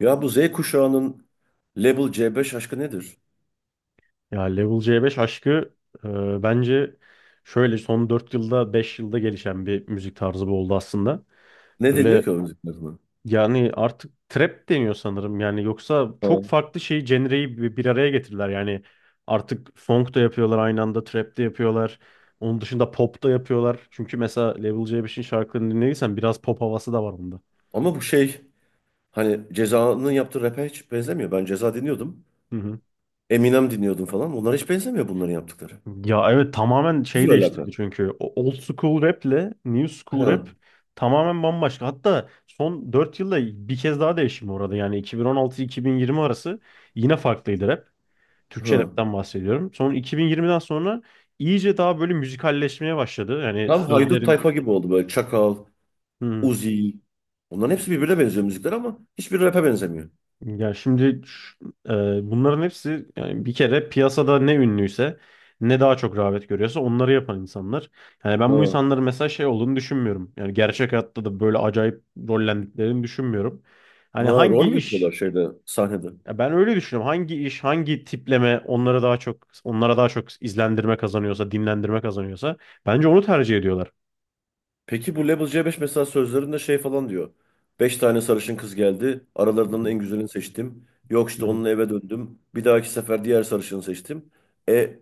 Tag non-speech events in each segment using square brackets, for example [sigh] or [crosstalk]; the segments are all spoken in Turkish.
Ya bu Z kuşağının Label C5 aşkı nedir? Ya Level C5 aşkı, bence şöyle son 4 yılda 5 yılda gelişen bir müzik tarzı bu oldu aslında. Ne Böyle, deniyor ki o müziklerine? yani artık trap deniyor sanırım. Yani yoksa Ha. çok farklı şey genreyi bir araya getirdiler. Yani artık funk da yapıyorlar, aynı anda trap de yapıyorlar. Onun dışında pop da yapıyorlar. Çünkü mesela Level C5'in şarkılarını dinlediysen biraz pop havası da var bunda. Ama bu şey hani Ceza'nın yaptığı rap'e hiç benzemiyor. Ben Ceza dinliyordum. Hı hı. Eminem dinliyordum falan. Bunlar hiç benzemiyor bunların yaptıkları. Ya evet, tamamen Sıfır şey alaka. değiştirdi çünkü. Old school rap ile new school rap Hı, tamamen bambaşka. Hatta son 4 yılda bir kez daha değişim uğradı. Yani 2016-2020 arası yine farklıydı rap. Türkçe hı. rapten bahsediyorum. Sonra 2020'den sonra iyice daha böyle müzikalleşmeye başladı. Yani Tam haydut sözlerin... tayfa gibi oldu böyle. Çakal, Uzi. Bunların hepsi birbirine benziyor müzikler ama hiçbir rap'e benzemiyor. Ya şimdi, bunların hepsi yani bir kere piyasada ne ünlüyse, ne daha çok rağbet görüyorsa onları yapan insanlar. Yani ben bu Ha. insanların mesela şey olduğunu düşünmüyorum. Yani gerçek hayatta da böyle acayip rollendiklerini düşünmüyorum. Ha Hani rol hangi mü yapıyorlar iş şeyde sahnede? Ya ben öyle düşünüyorum. Hangi iş, hangi tipleme onlara daha çok izlendirme kazanıyorsa, dinlendirme kazanıyorsa bence onu tercih ediyorlar. Peki bu Level C5 mesela sözlerinde şey falan diyor. Beş tane sarışın kız geldi. Hı Aralarından hı, en güzelini seçtim. Yok [laughs] hı işte hı. onunla eve döndüm. Bir dahaki sefer diğer sarışını seçtim. E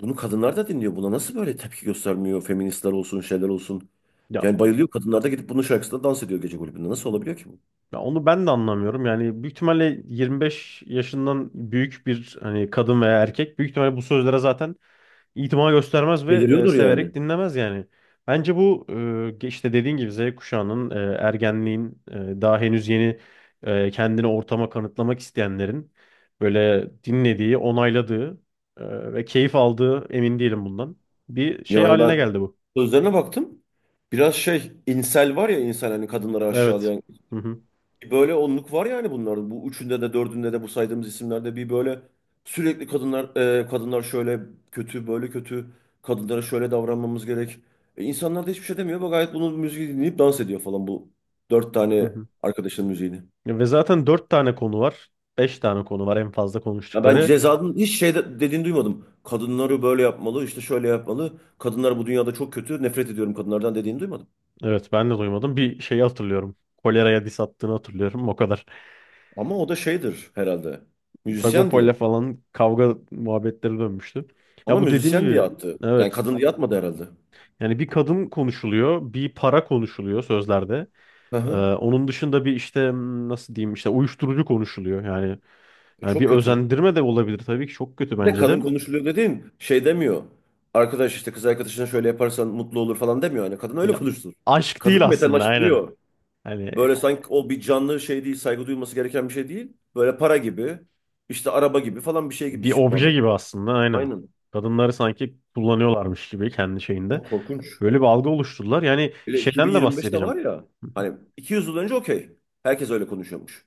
bunu kadınlar da dinliyor. Buna nasıl böyle tepki göstermiyor? Feministler olsun, şeyler olsun. Ya Yani bayılıyor. Kadınlar da gidip bunun şarkısında dans ediyor gece kulübünde. Nasıl olabiliyor ki bu? Ya onu ben de anlamıyorum. Yani büyük ihtimalle 25 yaşından büyük bir hani kadın veya erkek, büyük ihtimalle bu sözlere zaten itima göstermez ve Deliriyordur yani. severek dinlemez yani. Bence bu, işte dediğin gibi Z kuşağının, ergenliğin, daha henüz yeni, kendini ortama kanıtlamak isteyenlerin böyle dinlediği, onayladığı, ve keyif aldığı emin değilim bundan. Bir şey Yani haline ben geldi bu. sözlerine baktım. Biraz şey, insel var ya insan hani kadınları Evet. aşağılayan Hı hı. bir böyle onluk var yani bunların. Bu üçünde de dördünde de bu saydığımız isimlerde bir böyle sürekli kadınlar kadınlar şöyle kötü böyle kötü kadınlara şöyle davranmamız gerek. E, insanlar da hiçbir şey demiyor. Bak gayet bunun müziği dinleyip dans ediyor falan bu dört tane [laughs] arkadaşın müziğini. Ve zaten dört tane konu var. Beş tane konu var en fazla Ya ben konuştukları. Ceza'nın hiç dediğini duymadım. Kadınları böyle yapmalı, işte şöyle yapmalı. Kadınlar bu dünyada çok kötü. Nefret ediyorum kadınlardan dediğini duymadım. Evet ben de duymadım. Bir şeyi hatırlıyorum. Kolera'ya diss attığını hatırlıyorum. O kadar. Ama o da şeydir herhalde. [laughs] Müzisyen diye. Sagopa'yla falan kavga muhabbetleri dönmüştü. Ya, Ama bu dediğim müzisyen diye gibi, attı. Yani evet. kadın diye atmadı herhalde. Yani bir kadın konuşuluyor. Bir para konuşuluyor sözlerde. Hı hı. Onun dışında bir işte, nasıl diyeyim işte, uyuşturucu konuşuluyor. Yani, E, yani bir çok kötü. özendirme de olabilir tabii ki. Çok kötü Bir de bence de. kadın konuşuluyor dediğin şey demiyor. Arkadaş işte kız arkadaşına şöyle yaparsan mutlu olur falan demiyor. Yani kadın öyle Ya, konuşur. aşk değil Kadın aslında, aynen. metalaştırıyor. Hani Böyle sanki o bir canlı şey değil, saygı duyulması gereken bir şey değil. Böyle para gibi, işte araba gibi falan bir şey gibi bir bu obje anladım. gibi aslında, aynen. Aynen. Kadınları sanki kullanıyorlarmış gibi kendi şeyinde. Çok korkunç. Böyle bir algı oluşturdular. Yani Öyle şeyden de 2025'te var bahsedeceğim. ya. Hı hı. Hani 200 yıl önce okey. Herkes öyle konuşuyormuş.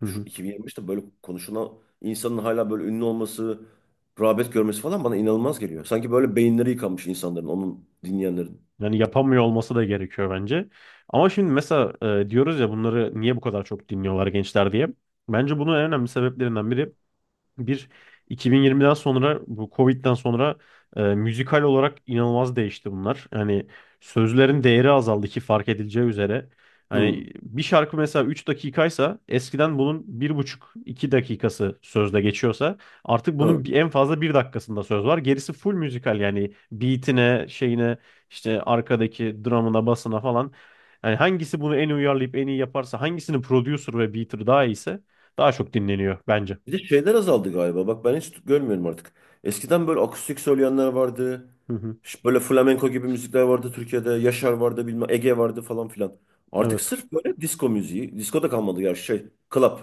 Hı Şu hı. 2025'te böyle konuşulan insanın hala böyle ünlü olması, rağbet görmesi falan bana inanılmaz geliyor. Sanki böyle beyinleri yıkanmış insanların, onun dinleyenlerin. Yani yapamıyor olması da gerekiyor bence. Ama şimdi mesela, diyoruz ya bunları niye bu kadar çok dinliyorlar gençler diye. Bence bunun en önemli sebeplerinden biri: Bir, 2020'den sonra, bu Covid'den sonra müzikal olarak inanılmaz değişti bunlar. Hani sözlerin değeri azaldı ki fark edileceği üzere. Hı, Hani bir şarkı mesela 3 dakikaysa, eskiden bunun bir buçuk iki dakikası sözde geçiyorsa, artık bunun hı. En fazla 1 dakikasında söz var. Gerisi full müzikal yani beatine, şeyine, işte arkadaki dramına, basına falan. Yani hangisi bunu en iyi uyarlayıp en iyi yaparsa, hangisinin producer ve beater daha iyiyse daha çok dinleniyor bence. Bir de şeyler azaldı galiba. Bak ben hiç görmüyorum artık. Eskiden böyle akustik söyleyenler vardı. Hı hı. Böyle flamenko gibi müzikler vardı Türkiye'de. Yaşar vardı bilmem Ege vardı falan filan. Artık Evet. sırf böyle disco müziği. Disco da kalmadı ya şey. Club.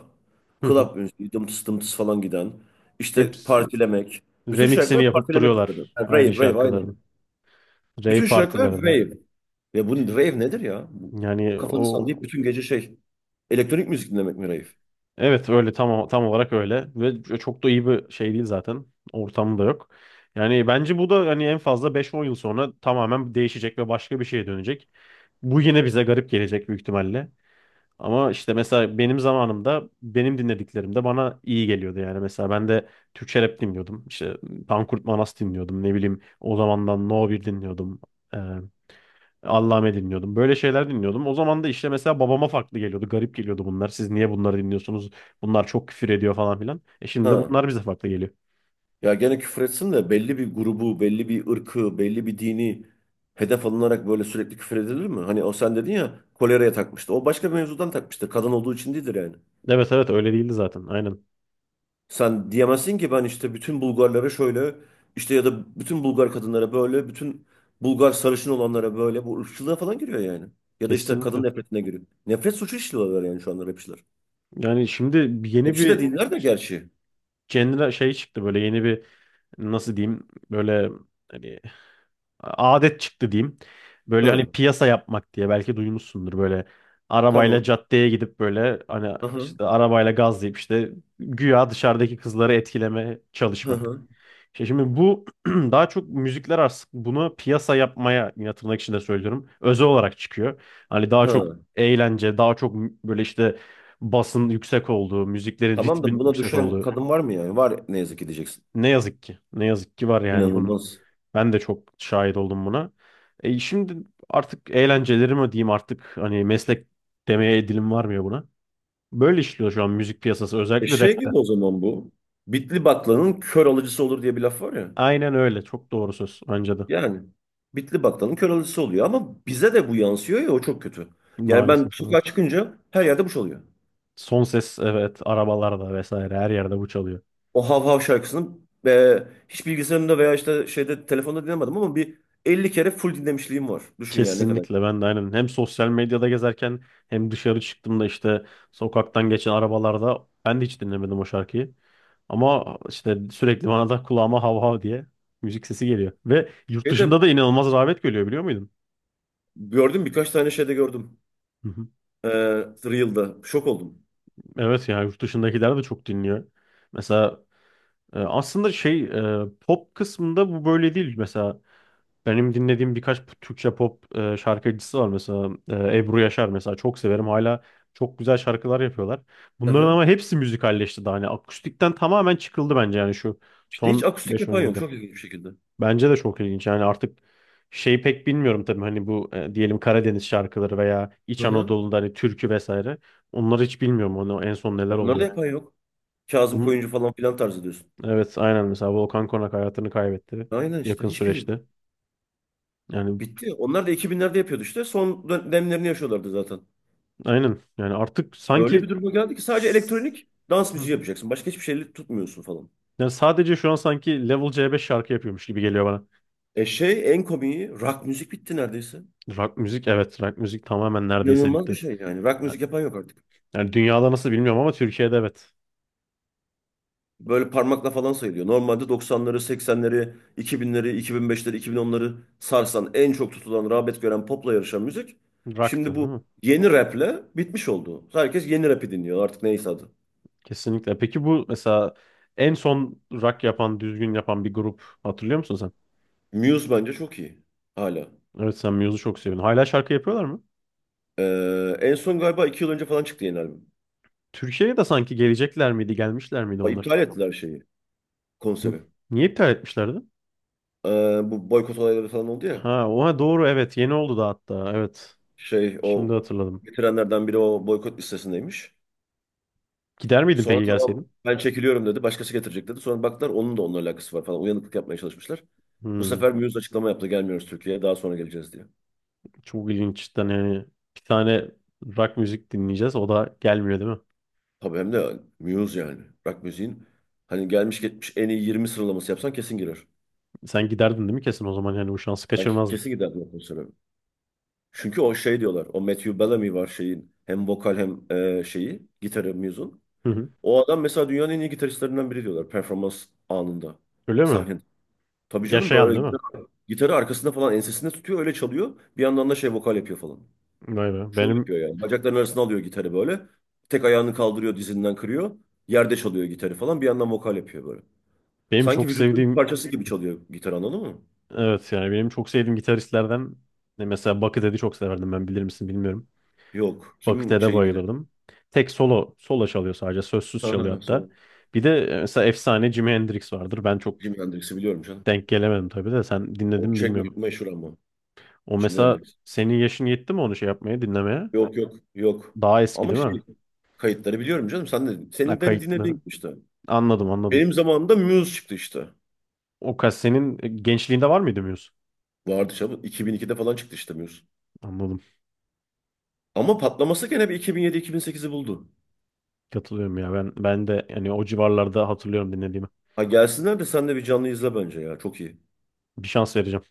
Hı hı. Club müziği. Dımtıs dımtıs falan giden. İşte Hepsi partilemek. Bütün remixini şarkılar yapıp partilemek üzerine. duruyorlar Yani aynı rave rave aynen. şarkıların. Bütün Rave şarkılar partilerde. rave. Ya bu rave nedir ya? Bu, Yani kafanı o, sallayıp bütün gece şey. Elektronik müzik dinlemek mi rave? evet, öyle tam olarak öyle ve çok da iyi bir şey değil zaten. Ortamı da yok. Yani bence bu da hani en fazla beş on yıl sonra tamamen değişecek ve başka bir şeye dönecek. Bu yine bize garip gelecek büyük ihtimalle. Ama işte mesela benim zamanımda benim dinlediklerim de bana iyi geliyordu yani. Mesela ben de Türkçe rap dinliyordum. İşte Pankurt Manas dinliyordum. Ne bileyim o zamandan No bir dinliyordum. Ee, Allame dinliyordum. Böyle şeyler dinliyordum. O zaman da işte mesela babama farklı geliyordu. Garip geliyordu bunlar. Siz niye bunları dinliyorsunuz? Bunlar çok küfür ediyor falan filan. E şimdi de Ha. bunlar bize farklı geliyor. Ya gene küfür etsin de belli bir grubu, belli bir ırkı, belli bir dini hedef alınarak böyle sürekli küfür edilir mi? Hani o sen dedin ya koleraya takmıştı. O başka bir mevzudan takmıştır. Kadın olduğu için değildir yani. Evet, evet, öyle değildi zaten. Aynen. Sen diyemezsin ki ben işte bütün Bulgarlara şöyle işte ya da bütün Bulgar kadınlara böyle, bütün Bulgar sarışın olanlara böyle bu ırkçılığa falan giriyor yani. Ya da işte kadın Kesinlikle. nefretine giriyor. Nefret suçu işliyorlar yani şu anda rapçiler. Yani şimdi yeni Rapçi de bir dinler de gerçi. genre şey çıktı, böyle yeni bir nasıl diyeyim, böyle hani adet çıktı diyeyim. Böyle hani Hı, piyasa yapmak diye belki duymuşsundur, böyle arabayla tamam. caddeye gidip böyle hani Hı hı. işte arabayla gazlayıp işte güya dışarıdaki kızları etkileme Hı çalışmak. hı. İşte şimdi bu [clears throat] daha çok müzikler artık bunu piyasa yapmaya, yine tırnak içinde söylüyorum, özel olarak çıkıyor. Hani daha çok Hı. eğlence, daha çok böyle işte basın yüksek olduğu, müziklerin Tamam da ritmin buna yüksek düşen olduğu. kadın var mı yani? Var ne yazık ki diyeceksin. Ne yazık ki. Ne yazık ki var yani bunun. İnanılmaz. Ben de çok şahit oldum buna. Şimdi artık eğlenceleri mi diyeyim, artık hani meslek demeye dilim varmıyor buna. Böyle işliyor şu an müzik piyasası, E özellikle şey rapte. gibi o zaman bu. Bitli baklanın kör alıcısı olur diye bir laf var ya. Aynen öyle, çok doğru söz bence de. Yani bitli baklanın kör alıcısı oluyor ama bize de bu yansıyor ya o çok kötü. Yani ben Maalesef sokağa evet. çıkınca her yerde bu çalıyor. Son ses evet, arabalarda vesaire, her yerde bu çalıyor. O Hav Hav şarkısını e, hiç bilgisayarımda veya işte şeyde telefonda dinlemedim ama bir 50 kere full dinlemişliğim var. Düşün yani ne kadar. Kesinlikle, ben de aynen hem sosyal medyada gezerken hem dışarı çıktığımda işte sokaktan geçen arabalarda, ben de hiç dinlemedim o şarkıyı. Ama işte sürekli bana da kulağıma hav hav diye müzik sesi geliyor. Ve yurt dışında Şeyde da inanılmaz rağbet görüyor, biliyor muydun? gördüm birkaç tane şeyde gördüm. Hı hı. E, Reel'da. Şok oldum. Evet ya, yurt dışındakiler de çok dinliyor. Mesela aslında şey pop kısmında bu böyle değil. Mesela benim dinlediğim birkaç Türkçe pop şarkıcısı var. Mesela Ebru Yaşar mesela, çok severim. Hala çok güzel şarkılar yapıyorlar. Bunların Aha. ama hepsi müzikalleşti daha. Hani akustikten tamamen çıkıldı bence yani, şu İşte hiç son akustik beş on yapan yok. yılda. Çok ilginç bir şekilde. Bence de çok ilginç. Yani artık şey pek bilmiyorum tabii, hani bu diyelim Karadeniz şarkıları veya İç Aha. Anadolu'da hani türkü vesaire. Onları hiç bilmiyorum, onu en son neler Ya onları da oluyor. yapan yok. Kazım Onun- Koyuncu falan filan tarzı diyorsun. evet, aynen, mesela Volkan Konak hayatını kaybetti Aynen işte. yakın Hiçbiri yok. süreçte. Yani, Bitti. Onlar da 2000'lerde yapıyordu işte. Son dönemlerini yaşıyorlardı zaten. aynen, yani artık Öyle sanki bir duruma geldi ki sadece s- elektronik dans Hı müziği hı. yapacaksın. Başka hiçbir şeyle tutmuyorsun falan. Yani sadece şu an sanki Level C5 şarkı yapıyormuş gibi geliyor bana. E şey en komiği rock müzik bitti neredeyse. Rock müzik, evet, rock müzik tamamen neredeyse İnanılmaz bir bitti. şey yani. Rock müzik yapan yok artık. Yani dünyada nasıl bilmiyorum ama Türkiye'de evet. Böyle parmakla falan sayılıyor. Normalde 90'ları, 80'leri, 2000'leri, 2005'leri, 2010'ları sarsan en çok tutulan, rağbet gören popla yarışan müzik. Rock'tı Şimdi değil bu mi? yeni raple bitmiş oldu. Herkes yeni rapi dinliyor artık neyse adı. Kesinlikle. Peki bu mesela en son rock yapan, düzgün yapan bir grup hatırlıyor musun sen? Muse bence çok iyi hala. Evet, sen Muse'u çok seviyorsun. Hala şarkı yapıyorlar mı? En son galiba 2 yıl önce falan çıktı yeni albüm. Türkiye'ye de sanki gelecekler miydi, gelmişler miydi onlar? İptal ettiler şeyi, Hı. konseri. Niye iptal etmişlerdi? Ee, Bu boykot olayları falan oldu ya. Ha, oha, doğru, evet. Yeni oldu da hatta. Evet. Şey Şimdi o hatırladım. getirenlerden biri o boykot listesindeymiş. Gider miydin Sonra peki tamam gelseydin? ben çekiliyorum dedi. Başkası getirecek dedi. Sonra baktılar onun da onunla alakası var falan. Uyanıklık yapmaya çalışmışlar. Bu Hmm, sefer Muse açıklama yaptı. Gelmiyoruz Türkiye'ye. Daha sonra geleceğiz diye. Çok ilginç cidden yani. Bir tane rock müzik dinleyeceğiz. O da gelmiyor değil mi? Tabii hem de Muse yani. Rock müziğin hani gelmiş geçmiş en iyi 20 sıralaması yapsan kesin girer. Sen giderdin değil mi kesin, o zaman yani bu şansı Ben kaçırmazdın. kesin giderdim o konsere. Çünkü o şey diyorlar. O Matthew Bellamy var şeyin. Hem vokal hem şeyi. Gitarı Muse'un. Hı hı. O adam mesela dünyanın en iyi gitaristlerinden biri diyorlar. Performans anında. Öyle mi? Sahne. Tabii canım Yaşayan böyle değil mi? Gitarı arkasında falan ensesinde tutuyor öyle çalıyor. Bir yandan da şey vokal yapıyor falan. Vay be. Şov Benim yapıyor yani. Bacakların arasına alıyor gitarı böyle. Tek ayağını kaldırıyor dizinden kırıyor. Yerde çalıyor gitarı falan. Bir yandan vokal yapıyor böyle. Benim Sanki çok vücudun bir sevdiğim, parçası gibi çalıyor gitar anladın mı? evet, yani benim çok sevdiğim gitaristlerden ne mesela Buckethead'i çok severdim ben, bilir misin bilmiyorum. Yok. Kimin Buckethead'e şeyi gitarı? [laughs] bayılırdım. Tek solo solo çalıyor, sadece sözsüz Ha ha çalıyor ha hatta. sol. Bir de mesela efsane Jimi Hendrix vardır. Ben çok Jimi Hendrix'i biliyorum canım. denk gelemedim tabii de, sen dinledin O mi bilmiyorum. meşhur ama. O Jimi mesela Hendrix. senin yaşın yetti mi onu şey yapmaya, dinlemeye? Yok yok yok. Daha eski Ama değil şey mi? kayıtları biliyorum canım. Sen de, Ha, seninden kayıtları. dinlediğin işte. Anladım, anladım. Benim zamanımda Muse çıktı işte. O kas senin gençliğinde var mıydı Muse? Vardı canım. 2002'de falan çıktı işte Muse. Anladım. Ama patlaması gene bir 2007-2008'i buldu. Katılıyorum ya, ben de yani o civarlarda hatırlıyorum dinlediğimi. Ha gelsinler de sen de bir canlı izle bence ya. Çok iyi. Bir şans vereceğim.